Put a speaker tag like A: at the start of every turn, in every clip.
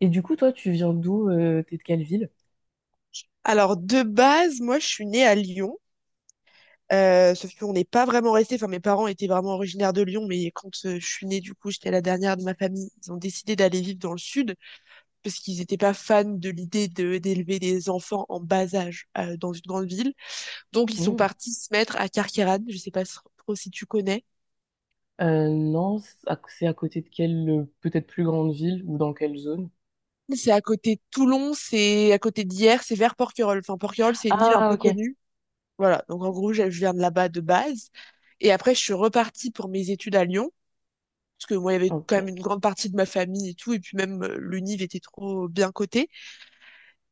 A: Et du coup, toi, tu viens d'où? T'es de quelle ville?
B: Alors, de base, moi, je suis née à Lyon. Sauf qu'on n'est pas vraiment resté. Enfin, mes parents étaient vraiment originaires de Lyon, mais quand je suis née, du coup, j'étais la dernière de ma famille. Ils ont décidé d'aller vivre dans le sud parce qu'ils n'étaient pas fans de l'idée de d'élever des enfants en bas âge dans une grande ville. Donc, ils sont
A: Hmm.
B: partis se mettre à Carqueiranne. Je sais pas trop si tu connais.
A: Non, c'est à côté de quelle peut-être plus grande ville ou dans quelle zone?
B: C'est à côté de Toulon, c'est à côté d'Hyères, c'est vers Porquerolles. Enfin, Porquerolles, c'est une île un
A: Ah,
B: peu
A: ok.
B: connue. Voilà. Donc, en gros, je viens de là-bas de base. Et après, je suis repartie pour mes études à Lyon. Parce que moi, il y avait
A: Ok,
B: quand même une grande partie de ma famille et tout, et puis même le était trop bien coté.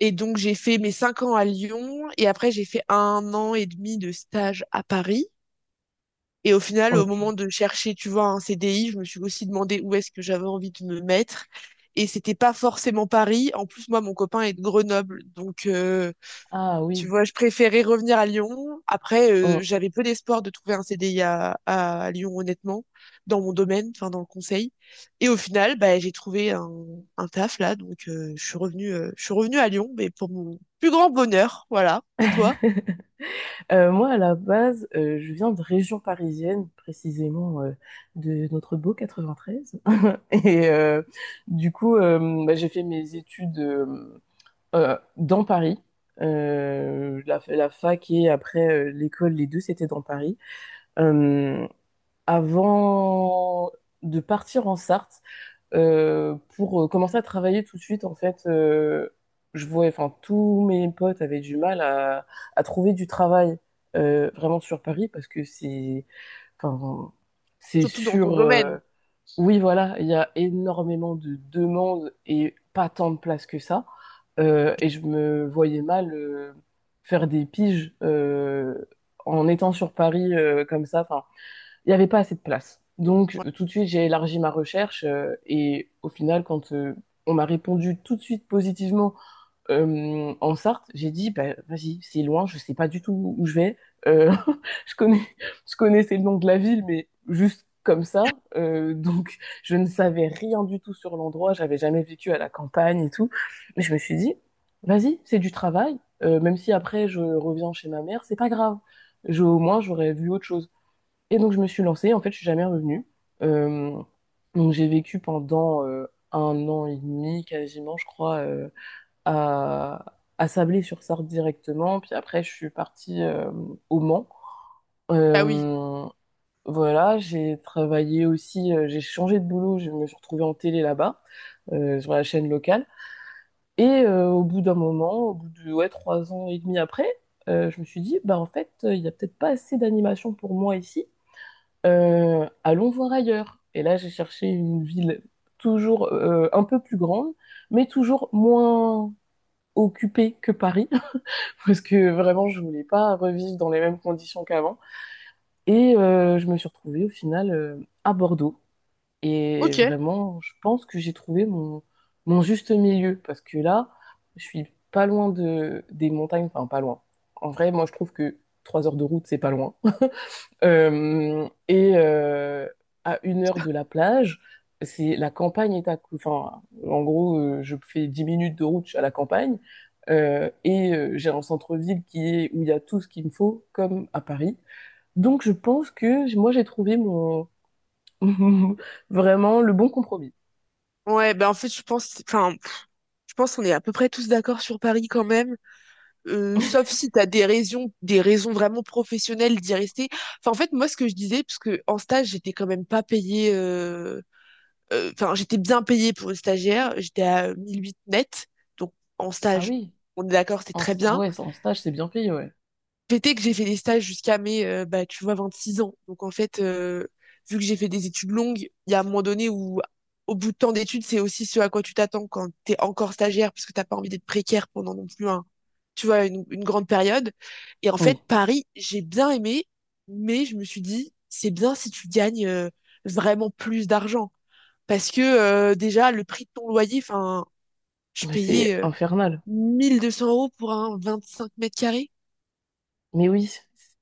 B: Et donc, j'ai fait mes 5 ans à Lyon, et après, j'ai fait 1 an et demi de stage à Paris. Et au final, au moment
A: ok.
B: de chercher, tu vois, un CDI, je me suis aussi demandé où est-ce que j'avais envie de me mettre. Et c'était pas forcément Paris. En plus, moi, mon copain est de Grenoble, donc
A: Ah
B: tu
A: oui.
B: vois, je préférais revenir à Lyon. Après,
A: Mm.
B: j'avais peu d'espoir de trouver un CDI à Lyon, honnêtement, dans mon domaine, enfin dans le conseil. Et au final, bah, j'ai trouvé un taf là, donc je suis revenue à Lyon, mais pour mon plus grand bonheur, voilà. Et toi?
A: Moi, à la base, je viens de région parisienne, précisément de notre beau 93. Et du coup, bah, j'ai fait mes études dans Paris. La fac et après l'école, les deux, c'était dans Paris. Euh, Avant de partir en Sarthe, pour commencer à travailler tout de suite, en fait, je vois. Enfin, tous mes potes avaient du mal à trouver du travail vraiment sur Paris parce que c'est, enfin, c'est
B: Surtout dans ton
A: sur,
B: domaine.
A: oui, voilà, il y a énormément de demandes et pas tant de places que ça. Et je me voyais mal faire des piges en étant sur Paris comme ça. Enfin, il n'y avait pas assez de place. Donc
B: Ouais.
A: tout de suite, j'ai élargi ma recherche et au final, quand on m'a répondu tout de suite positivement en Sarthe, j'ai dit bah, vas-y, c'est loin, je ne sais pas du tout où je vais. Euh, je connais, je connaissais le nom de la ville, mais juste comme ça. Donc je ne savais rien du tout sur l'endroit, j'avais jamais vécu à la campagne et tout. Mais je me suis dit vas-y, c'est du travail. Même si après je reviens chez ma mère, c'est pas grave. Au moins j'aurais vu autre chose. Et donc, je me suis lancée. En fait, je suis jamais revenue. Euh, donc, j'ai vécu pendant un an et demi, quasiment, je crois, à, à Sablé-sur-Sarthe directement. Puis après, je suis partie au Mans.
B: Ah oui.
A: Euh, voilà, j'ai travaillé aussi, j'ai changé de boulot. Je me suis retrouvée en télé là-bas, sur la chaîne locale. Et au bout d'un moment, au bout de ouais, trois ans et demi après, je me suis dit, bah en fait, il n'y a peut-être pas assez d'animation pour moi ici. Allons voir ailleurs. Et là, j'ai cherché une ville toujours un peu plus grande, mais toujours moins occupée que Paris, parce que vraiment, je voulais pas revivre dans les mêmes conditions qu'avant. Et je me suis retrouvée au final à Bordeaux. Et
B: Ok.
A: vraiment, je pense que j'ai trouvé mon juste milieu, parce que là, je suis pas loin des montagnes, enfin pas loin. En vrai, moi, je trouve que trois heures de route, c'est pas loin. Et à une heure de la plage, c'est la campagne est à, cou- enfin, en gros, je fais 10 minutes de route à la campagne et j'ai un centre-ville qui est où il y a tout ce qu'il me faut, comme à Paris. Donc, je pense que moi, j'ai trouvé mon vraiment le bon compromis.
B: Ouais, bah en fait, je pense, enfin, je pense qu'on est à peu près tous d'accord sur Paris quand même. Sauf si tu as des raisons vraiment professionnelles d'y rester. Enfin, en fait, moi, ce que je disais, parce que en stage, j'étais quand même pas payée. Enfin, j'étais bien payée pour une stagiaire. J'étais à 1008 net. Donc, en
A: Ah
B: stage,
A: oui.
B: on est d'accord, c'est très
A: Ah
B: bien.
A: ouais, en stage, c'est bien payé, ouais.
B: Fait est que j'ai fait des stages jusqu'à mes, bah, tu vois, 26 ans. Donc en fait, vu que j'ai fait des études longues, il y a un moment donné où, au bout de temps d'études, c'est aussi ce à quoi tu t'attends quand t'es encore stagiaire, parce que t'as pas envie d'être précaire pendant non plus un, tu vois, une grande période. Et en fait,
A: Oui.
B: Paris, j'ai bien aimé, mais je me suis dit, c'est bien si tu gagnes vraiment plus d'argent. Parce que déjà, le prix de ton loyer, enfin, je
A: Mais
B: payais
A: c'est infernal.
B: 1200 euros pour un 25 mètres carrés.
A: Mais oui,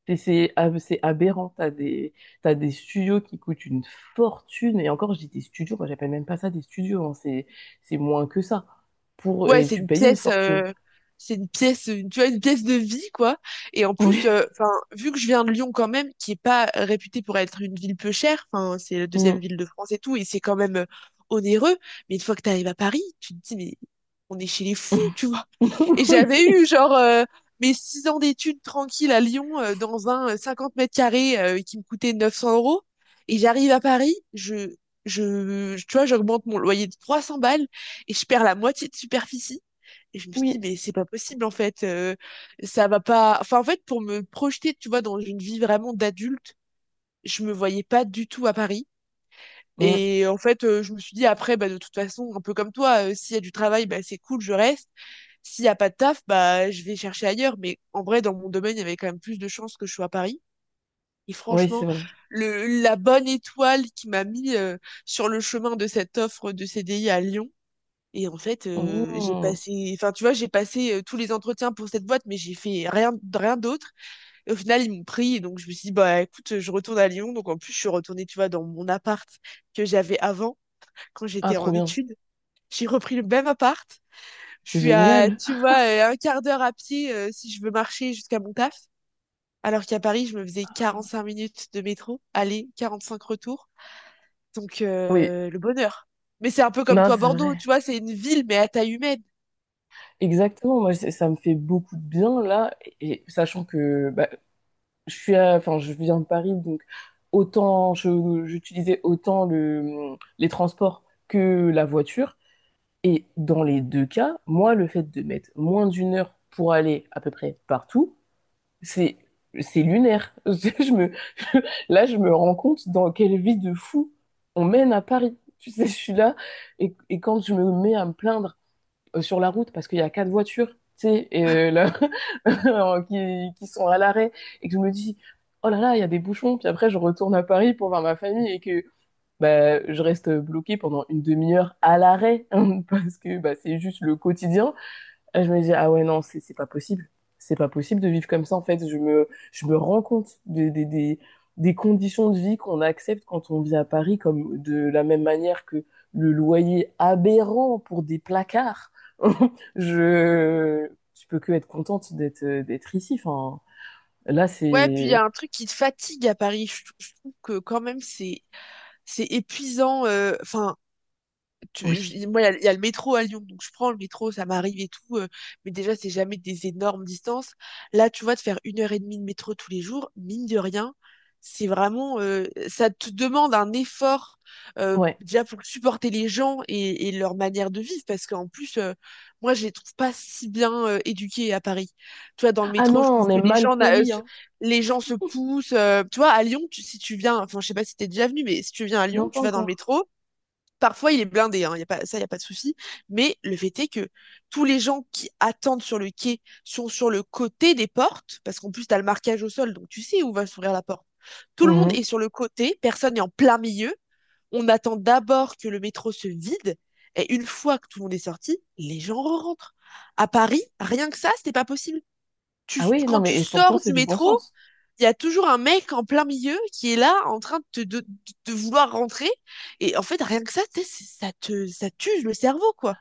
A: c'est aberrant. T'as des studios qui coûtent une fortune. Et encore, je dis des studios, moi j'appelle même pas ça des studios, hein. C'est moins que ça.
B: Ouais,
A: Et tu payes une fortune.
B: c'est une pièce, tu vois, une pièce de vie, quoi. Et en plus,
A: Oui.
B: enfin, vu que je viens de Lyon quand même, qui est pas réputée pour être une ville peu chère, enfin, c'est la deuxième
A: Mm.
B: ville de France et tout, et c'est quand même onéreux. Mais une fois que t'arrives à Paris, tu te dis, mais on est chez les fous, tu vois. Et
A: Oui.
B: j'avais eu, genre, mes 6 ans d'études tranquilles à Lyon, dans un 50 mètres carrés, qui me coûtait 900 euros. Et j'arrive à Paris, tu vois, j'augmente mon loyer de 300 balles et je perds la moitié de superficie. Et je me suis dit,
A: Oui.
B: mais c'est pas possible, en fait. Ça va pas. Enfin, en fait, pour me projeter, tu vois, dans une vie vraiment d'adulte, je me voyais pas du tout à Paris.
A: Mm.
B: Et en fait, je me suis dit, après, bah, de toute façon, un peu comme toi, s'il y a du travail, bah, c'est cool, je reste. S'il y a pas de taf, bah, je vais chercher ailleurs. Mais en vrai, dans mon domaine, il y avait quand même plus de chances que je sois à Paris. Et
A: Oui, c'est
B: franchement,
A: vrai.
B: la bonne étoile qui m'a mis sur le chemin de cette offre de CDI à Lyon, et en fait, j'ai
A: Mm.
B: passé, enfin, tu vois, j'ai passé tous les entretiens pour cette boîte, mais j'ai fait rien, rien d'autre. Et au final, ils m'ont pris. Et donc, je me suis dit, bah, écoute, je retourne à Lyon. Donc, en plus, je suis retournée, tu vois, dans mon appart que j'avais avant, quand
A: Ah,
B: j'étais
A: trop
B: en
A: bien.
B: études. J'ai repris le même appart. Je
A: C'est
B: suis à,
A: génial.
B: tu vois, un quart d'heure à pied, si je veux marcher jusqu'à mon taf. Alors qu'à Paris, je me faisais 45 minutes de métro, aller, 45 retours. Donc,
A: Oui,
B: le bonheur. Mais c'est un peu comme
A: non,
B: toi,
A: c'est
B: Bordeaux,
A: vrai.
B: tu vois, c'est une ville, mais à taille humaine.
A: Exactement. Moi, ça me fait beaucoup de bien là, et sachant que bah, enfin, je viens de Paris, donc autant j'utilisais autant les transports que la voiture. Et dans les deux cas, moi, le fait de mettre moins d'une heure pour aller à peu près partout, C'est c'est lunaire. Je me Là, je me rends compte dans quelle vie de fou on mène à Paris. Tu sais, je suis là et quand je me mets à me plaindre sur la route parce qu'il y a quatre voitures, tu sais, là, qui sont à l'arrêt et que je me dis oh là là, il y a des bouchons, puis après je retourne à Paris pour voir ma famille et que bah, je reste bloquée pendant une demi-heure à l'arrêt parce que bah, c'est juste le quotidien et je me dis, ah ouais, non, c'est pas possible. C'est pas possible de vivre comme ça, en fait. Je me rends compte des conditions de vie qu'on accepte quand on vit à Paris, comme de la même manière que le loyer aberrant pour des placards. Je peux que être contente d'être ici. Enfin, là,
B: Ouais, puis il y
A: c'est.
B: a un truc qui te fatigue à Paris. Je trouve que quand même c'est épuisant. Enfin,
A: Oui,
B: moi, il y a le métro à Lyon, donc je prends le métro, ça m'arrive et tout, mais déjà, c'est jamais des énormes distances. Là, tu vois, de faire 1 heure et demie de métro tous les jours, mine de rien, c'est vraiment, ça te demande un effort,
A: ouais.
B: déjà pour supporter les gens et leur manière de vivre, parce qu'en plus, moi, je les trouve pas si bien, éduqués à Paris. Tu vois, dans le
A: Ah non,
B: métro, je trouve
A: on est
B: que les
A: mal
B: gens, n'a-
A: poli,
B: se-
A: hein.
B: les gens se poussent. Tu vois, à Lyon, si tu viens, enfin, je sais pas si t'es déjà venu, mais si tu viens à Lyon,
A: Non, pas
B: tu vas dans le
A: encore.
B: métro. Parfois, il est blindé, hein, y a pas, ça, il n'y a pas de souci. Mais le fait est que tous les gens qui attendent sur le quai sont sur le côté des portes, parce qu'en plus, tu as le marquage au sol, donc tu sais où va s'ouvrir la porte. Tout le monde
A: Mhm.
B: est sur le côté, personne n'est en plein milieu. On attend d'abord que le métro se vide, et une fois que tout le monde est sorti, les gens rentrent. À Paris, rien que ça, c'était pas possible.
A: Ah oui, non,
B: Quand tu
A: mais pourtant,
B: sors
A: c'est
B: du
A: du bon
B: métro,
A: sens.
B: il y a toujours un mec en plein milieu qui est là en train de vouloir rentrer. Et en fait, rien que ça, ça tue le cerveau, quoi.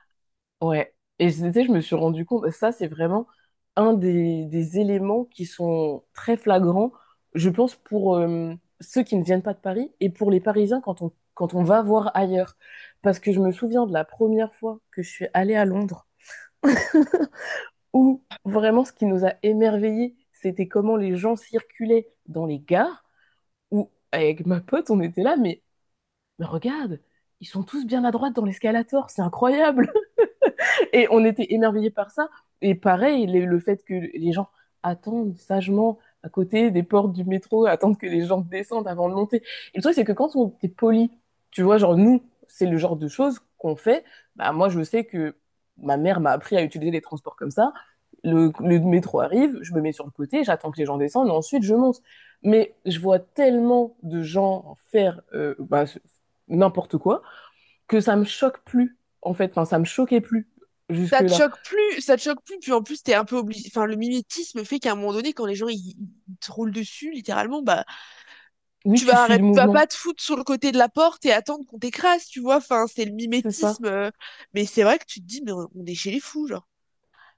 A: Ouais. Et tu sais, je me suis rendu compte, bah, ça, c'est vraiment un des éléments qui sont très flagrants, je pense, pour ceux qui ne viennent pas de Paris et pour les Parisiens quand on va voir ailleurs. Parce que je me souviens de la première fois que je suis allée à Londres, où vraiment ce qui nous a émerveillés, c'était comment les gens circulaient dans les gares, où avec ma pote, on était là, mais regarde, ils sont tous bien à droite dans l'escalator, c'est incroyable! Et on était émerveillés par ça. Et pareil, le fait que les gens attendent sagement à côté des portes du métro, attendent que les gens descendent avant de monter. Et le truc, c'est que quand on est poli, tu vois, genre nous, c'est le genre de choses qu'on fait. Bah, moi, je sais que ma mère m'a appris à utiliser les transports comme ça. Le métro arrive, je me mets sur le côté, j'attends que les gens descendent, et ensuite je monte. Mais je vois tellement de gens faire bah, n'importe quoi que ça me choque plus, en fait. Enfin, ça me choquait plus
B: Ça te
A: jusque-là.
B: choque plus, ça te choque plus, puis en plus, t'es un peu obligé. Enfin, le mimétisme fait qu'à un moment donné, quand les gens ils te roulent dessus, littéralement, bah,
A: Oui,
B: tu
A: tu
B: vas
A: suis le
B: arrêter, tu vas
A: mouvement,
B: pas te foutre sur le côté de la porte et attendre qu'on t'écrase, tu vois. Enfin, c'est le
A: c'est ça.
B: mimétisme. Mais c'est vrai que tu te dis, mais on est chez les fous, genre.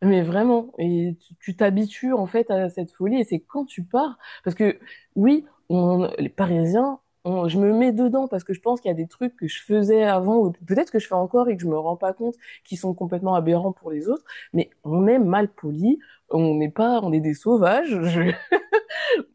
A: Mais vraiment, et tu t'habitues en fait à cette folie. Et c'est quand tu pars, parce que oui, les Parisiens, je me mets dedans parce que je pense qu'il y a des trucs que je faisais avant, ou peut-être que je fais encore et que je me rends pas compte, qui sont complètement aberrants pour les autres. Mais on est mal poli, on n'est pas, on est des sauvages.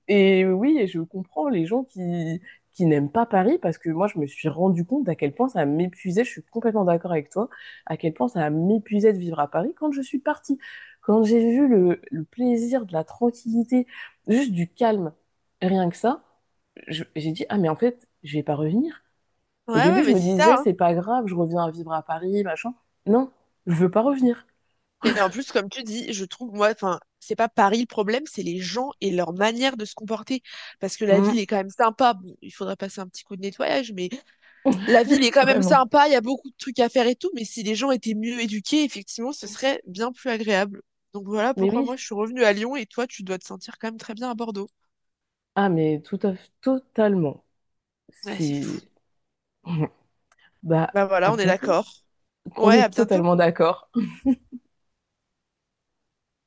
A: Et oui, et je comprends les gens qui n'aiment pas Paris parce que moi, je me suis rendu compte à quel point ça m'épuisait. Je suis complètement d'accord avec toi, à quel point ça m'épuisait de vivre à Paris quand je suis partie. Quand j'ai vu le plaisir de la tranquillité, juste du calme, rien que ça, j'ai dit, ah, mais en fait, je vais pas revenir. Au
B: Ouais,
A: début,
B: ouais,
A: je
B: mais
A: me
B: c'est
A: disais,
B: ça, hein.
A: c'est pas grave, je reviens vivre à Paris, machin. Non, je veux pas revenir.
B: Et en plus, comme tu dis, je trouve, moi, enfin, c'est pas Paris le problème, c'est les gens et leur manière de se comporter. Parce que la
A: Mm.
B: ville est quand même sympa. Bon, il faudrait passer un petit coup de nettoyage, mais la ville est quand même
A: Vraiment.
B: sympa, il y a beaucoup de trucs à faire et tout. Mais si les gens étaient mieux éduqués, effectivement, ce serait bien plus agréable. Donc voilà
A: Mais
B: pourquoi moi
A: oui.
B: je suis revenue à Lyon et toi, tu dois te sentir quand même très bien à Bordeaux.
A: Ah, mais totalement.
B: Ouais, c'est fou.
A: C'est. Bah,
B: Bah
A: à
B: voilà, on est
A: bientôt.
B: d'accord.
A: On
B: Ouais, à
A: est
B: bientôt.
A: totalement d'accord.